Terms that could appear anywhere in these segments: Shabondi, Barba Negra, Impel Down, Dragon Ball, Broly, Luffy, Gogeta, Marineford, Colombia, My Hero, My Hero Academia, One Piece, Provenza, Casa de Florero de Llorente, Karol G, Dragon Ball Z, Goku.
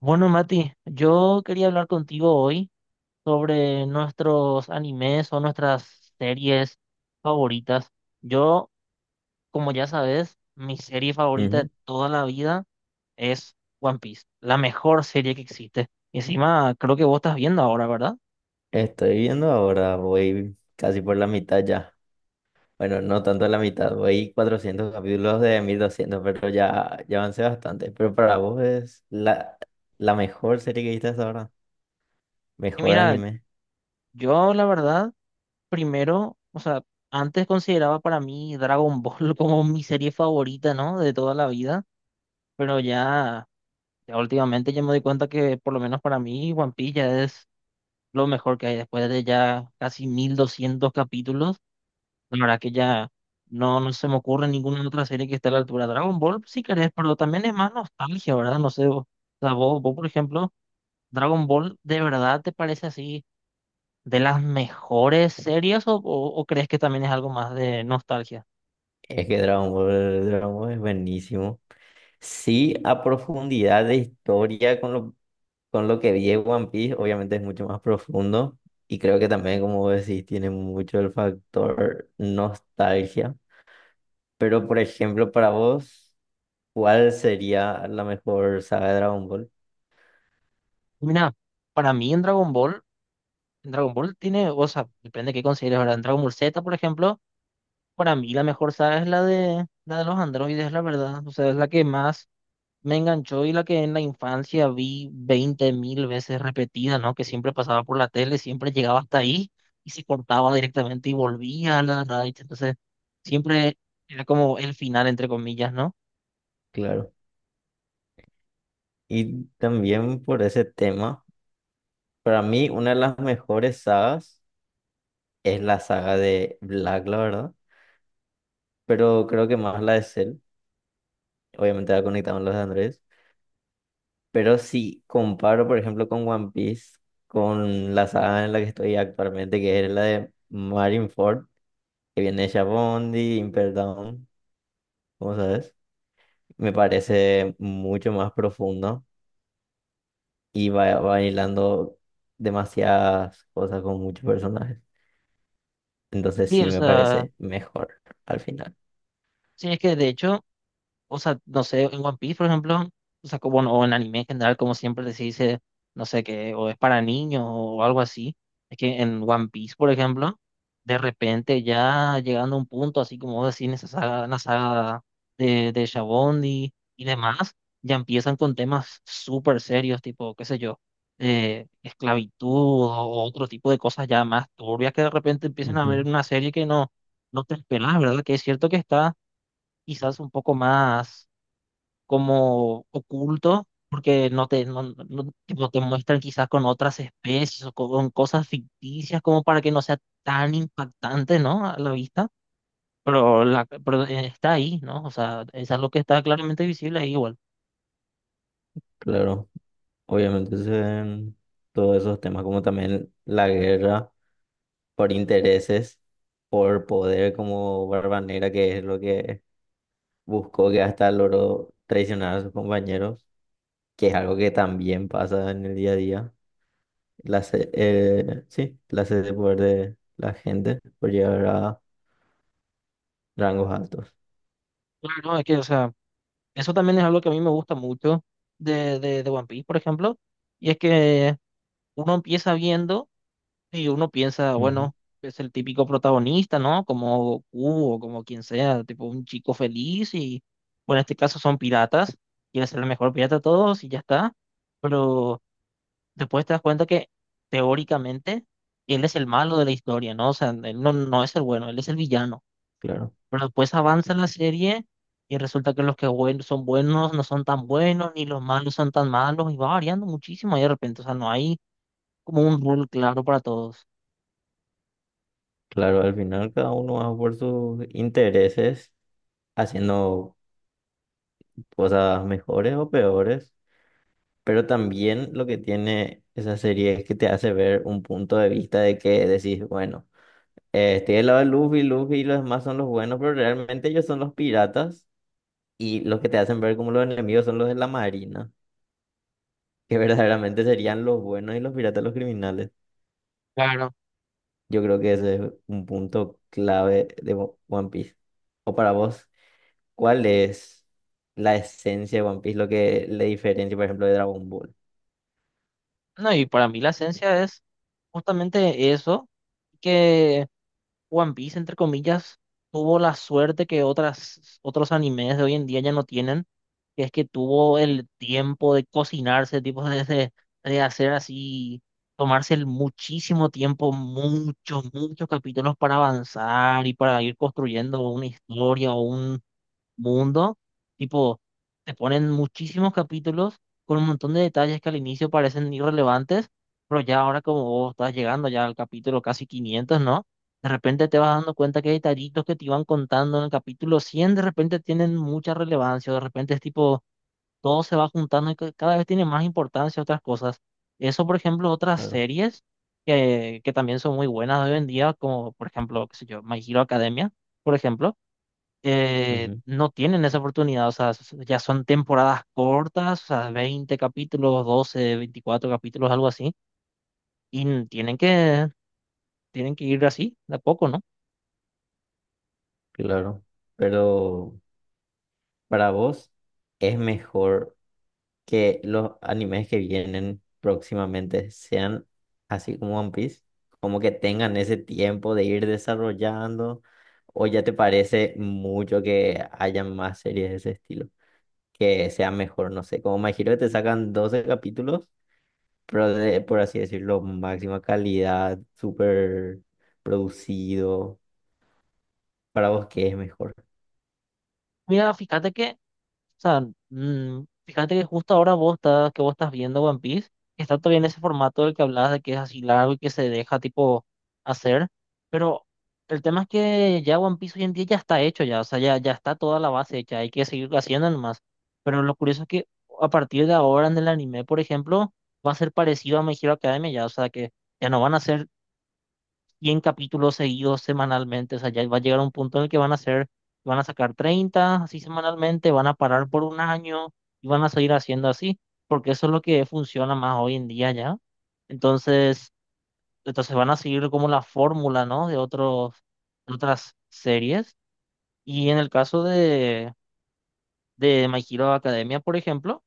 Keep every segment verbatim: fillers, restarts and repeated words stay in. Bueno, Mati, yo quería hablar contigo hoy sobre nuestros animes o nuestras series favoritas. Yo, como ya sabes, mi serie favorita de Ujú. toda la vida es One Piece, la mejor serie que existe. Y encima, creo que vos estás viendo ahora, ¿verdad? Estoy viendo ahora, voy casi por la mitad ya. Bueno, no tanto la mitad, voy cuatrocientos capítulos de mil doscientos pero ya, ya avancé bastante. Pero para vos es la, la mejor serie que viste hasta ahora, Y mejor mira, anime. yo la verdad, primero, o sea, antes consideraba para mí Dragon Ball como mi serie favorita, ¿no? De toda la vida, pero ya... ya últimamente ya me doy cuenta que por lo menos para mí One Piece ya es lo mejor que hay. Después de ya casi mil doscientos capítulos, la verdad que ya no, no se me ocurre ninguna otra serie que esté a la altura. Dragon Ball si querés, pero también es más nostalgia, ¿verdad? No sé, vos, o sea, vos, vos, por ejemplo, Dragon Ball, ¿de verdad te parece así de las mejores series o, o, o crees que también es algo más de nostalgia? Es que Dragon Ball, Dragon Ball es buenísimo. Sí, a profundidad de historia con lo, con lo que vi en One Piece, obviamente es mucho más profundo. Y creo que también, como vos decís, tiene mucho el factor nostalgia. Pero, por ejemplo, para vos, ¿cuál sería la mejor saga de Dragon Ball? Mira, para mí en Dragon Ball, en Dragon Ball tiene, o sea, depende de qué consideres, ¿verdad? En Dragon Ball Z, por ejemplo. Para mí la mejor saga es la de la de los androides, la verdad. O sea, es la que más me enganchó y la que en la infancia vi veinte mil veces repetida, ¿no? Que siempre pasaba por la tele, siempre llegaba hasta ahí y se cortaba directamente y volvía a la radio. Entonces, siempre era como el final, entre comillas, ¿no? Claro. Y también por ese tema, para mí una de las mejores sagas es la saga de Black, la verdad, pero creo que más la de Cell, obviamente la conectamos con los de Andrés, pero si comparo, por ejemplo, con One Piece, con la saga en la que estoy actualmente, que es la de Marineford, que viene de Shabondi, Impel Down, ¿cómo sabes? Me parece mucho más profundo y va bailando demasiadas cosas con muchos personajes. Entonces Sí, o sí me sea, parece mejor al final. sí, es que de hecho o sea, no sé, en One Piece, por ejemplo, o sea, como, o en anime en general, como siempre se dice, no sé qué, o es para niños o algo así. Es que en One Piece, por ejemplo, de repente ya llegando a un punto, así como vos decís, en esa saga, en la saga de, de Shabondi y demás, ya empiezan con temas súper serios, tipo, qué sé yo, eh, esclavitud o otro tipo de cosas ya más turbias que de repente empiezan a ver Ujú. en una serie que no, no te esperas, ¿verdad? Que es cierto que está quizás un poco más como oculto, porque no te, no, no- no- tipo, te muestran quizás con otras especies o con cosas ficticias como para que no sea tan impactante, ¿no? A la vista, pero, la, pero eh, está ahí, ¿no? O sea, es algo que está claramente visible ahí igual. Claro, obviamente se ven todos esos temas como también la guerra por intereses, por poder como Barba Negra, que es lo que buscó que hasta logró traicionar a sus compañeros, que es algo que también pasa en el día a día. La, se- eh, sí, la sed de poder de la gente por llegar a rangos altos. Claro, es que, o sea, eso también es algo que a mí me gusta mucho de, de, de One Piece, por ejemplo, y es que uno empieza viendo. Y uno piensa, bueno, es el típico protagonista, ¿no? Como Goku o como quien sea, tipo un chico feliz y, bueno, en este caso son piratas, quiere ser el mejor pirata de todos y ya está. Pero después te das cuenta que teóricamente él es el malo de la historia, ¿no? O sea, él no, no es el bueno, él es el villano. Claro, Pero después avanza la serie y resulta que los que buen- son buenos no son tan buenos, ni los malos son tan malos y va variando muchísimo ahí de repente, o sea, no hay como un rule claro para todos. claro, al final cada uno va por sus intereses haciendo cosas mejores o peores, pero también lo que tiene esa serie es que te hace ver un punto de vista de que decís, bueno, eh, estoy del lado de Luffy, Luffy y los demás son los buenos, pero realmente ellos son los piratas y los que te hacen ver como los enemigos son los de la marina, que verdaderamente serían los buenos y los piratas los criminales. Yo creo que ese es un punto clave de One Piece. ¿O para vos? ¿Cuál es la esencia de One Piece? Lo que le diferencia, por ejemplo, de Dragon Ball. No, y para mí la esencia es justamente eso, que One Piece, entre comillas, tuvo la suerte que otras, otros animes de hoy en día ya no tienen, que es que tuvo el tiempo de cocinarse, tipo de, de- de hacer así, tomarse el muchísimo tiempo, muchos, muchos capítulos para avanzar y para ir construyendo una historia mundo, tipo, te ponen muchísimos capítulos con un montón de detalles que al inicio parecen irrelevantes, pero ya ahora, como vos estás llegando ya al capítulo casi quinientos, ¿no? De repente te vas dando cuenta que hay detallitos que te iban contando en el capítulo cien, de repente tienen mucha relevancia, de repente es tipo, todo se va juntando y ca- cada vez tiene más importancia otras cosas. Eso, por ejemplo, otras Claro, series que, que también son muy buenas hoy en día, como por ejemplo, qué sé yo, My Hero Academia, por ejemplo, eh, ujú, no tienen esa oportunidad, o sea, s- ya son temporadas cortas, o sea, veinte capítulos, doce veinticuatro capítulos, algo así, y n- tienen que, tienen que ir así, de a poco, ¿no? claro. Pero para vos, ¿es mejor que los animes que vienen próximamente sean así como One Piece? Como que tengan ese tiempo de ir desarrollando, o ya te parece mucho que haya más series de ese estilo, que sea mejor, no sé, como Me Hero que te sacan doce capítulos pero de- por así decirlo, máxima calidad, súper producido. ¿Para vos qué es mejor? Mira, fíjate que o sea, mm, fíjate que justo ahora vos estás, que vos estás viendo One Piece, está todavía en ese formato del que hablabas, de que es así largo y que se deja tipo hacer, pero el tema es que ya One Piece hoy en día ya está hecho ya, o sea, ya, ya está toda la base hecha, hay que seguir haciendo nomás. Pero lo curioso es que a partir de ahora en el anime, por ejemplo, va a ser parecido a My Hero Academia ya, o sea que ya no van a ser cien capítulos seguidos semanalmente. O sea, ya va a llegar un punto en el que van a hacer van a sacar treinta así semanalmente, van a parar por un año y van a seguir haciendo así, porque eso es lo que funciona más hoy en día ya. Entonces, entonces van a seguir como la fórmula, ¿no? De otros, de otras series. Y en el caso de, de My Hero Academia, por ejemplo,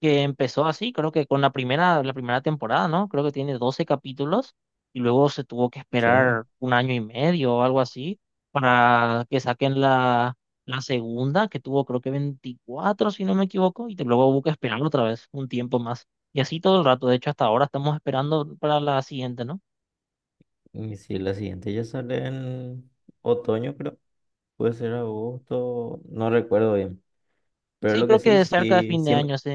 que empezó así, creo que con la primera, la primera temporada, ¿no? Creo que tiene doce capítulos y luego se tuvo que Sí. esperar un año y medio o algo así para que saquen la, la segunda, que tuvo, creo, que veinticuatro, si no me equivoco, y te- luego hubo que esperar otra vez un tiempo más. Y así todo el rato, de hecho hasta ahora estamos esperando para la siguiente, ¿no? Y si la siguiente ya sale en otoño, creo. Puede ser agosto, no recuerdo bien. Pero Sí, lo que creo sí, que cerca de sí, fin de siempre, año, sí.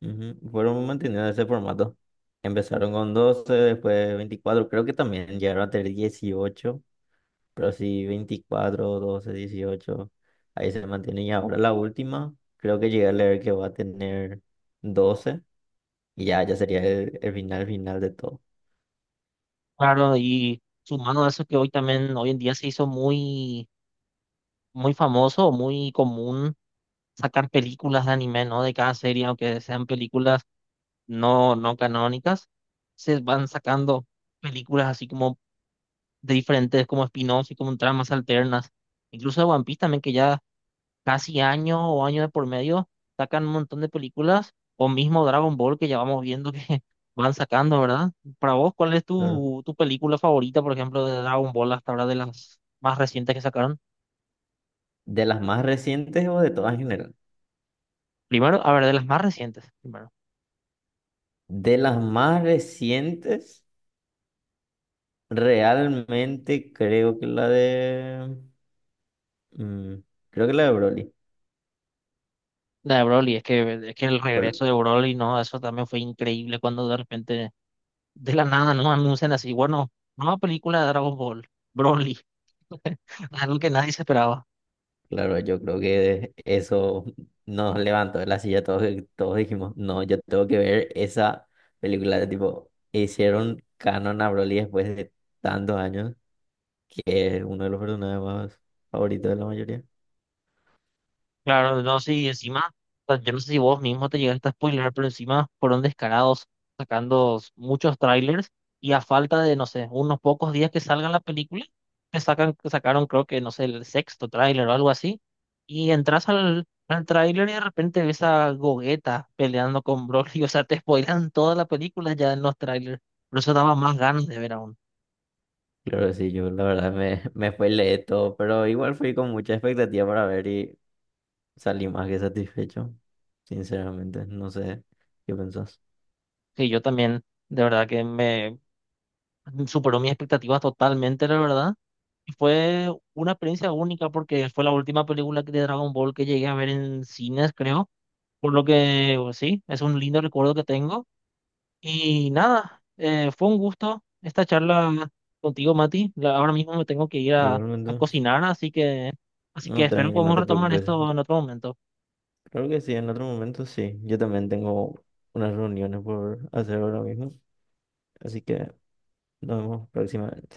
ujú, fueron manteniendo ese formato. Empezaron con doce, después veinticuatro, creo que también llegaron a tener dieciocho. Pero sí, veinticuatro, doce, dieciocho, ahí se mantiene. Y ahora la última, creo que llegué a leer que va a tener doce y ya, ya sería el, el final final de todo. Claro, y sumando a eso, que hoy también, hoy en día, se hizo muy, muy famoso, muy común sacar películas de anime, ¿no? De cada serie, aunque sean películas no, no canónicas, se van sacando películas así como de diferentes, como spin-offs y como tramas alternas. Incluso de One Piece también, que ya casi año o año de por medio sacan un montón de películas, o mismo Dragon Ball, que ya vamos viendo que van sacando, ¿verdad? Para vos, ¿cuál es Claro. tu, tu película favorita, por ejemplo, de Dragon Ball hasta ahora, de las más recientes que sacaron? ¿De las más recientes o de todas en general? Primero, a ver, de las más recientes. Primero. De las más recientes, realmente creo que la de... mm, creo que la de Broly. De Broly, es que, es que el regreso de Broly, no, eso también fue increíble cuando de repente, de la nada, no anuncian así, bueno, nueva película de Dragon Ball, Broly, algo que nadie se esperaba. Claro, yo creo que eso nos levantó de la silla. Todos, todos dijimos, no, yo tengo que ver esa película. Tipo, hicieron canon a Broly después de tantos años, que es uno de los personajes más favoritos de la mayoría. Claro, no sé, y encima, o sea, yo no sé si vos mismo te llegaste a spoiler, pero encima fueron descarados sacando s- muchos trailers y a falta de, no sé, unos pocos días que salga la película, te sacan, sacaron, creo que, no sé, el sexto tráiler o algo así, y entras al, al tráiler y de repente ves a Gogeta peleando con Broly, o sea, te spoilan toda la película ya en los trailers, por eso daba más ganas de ver aún, Claro, sí, yo la verdad me, me fue leer todo, pero igual fui con mucha expectativa para ver y salí más que satisfecho. Sinceramente, no sé qué pensás. que yo también, de verdad que me superó mis expectativas totalmente, la verdad. Y fue una experiencia única porque fue la última película que- de Dragon Ball que llegué a ver en cines, creo. Por lo que, pues, sí, es un lindo recuerdo que tengo. Y nada, eh, fue un gusto esta charla contigo, Mati. La- Ahora mismo me tengo que ir a, a Igualmente, cocinar, así que, así no, que espero tranqui, no podamos te retomar preocupes. esto en otro momento. Creo que sí, en otro momento sí. Yo también tengo unas reuniones por hacer ahora mismo, así que nos vemos próximamente.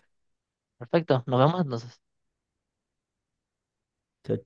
Perfecto, nos vemos entonces. Chao,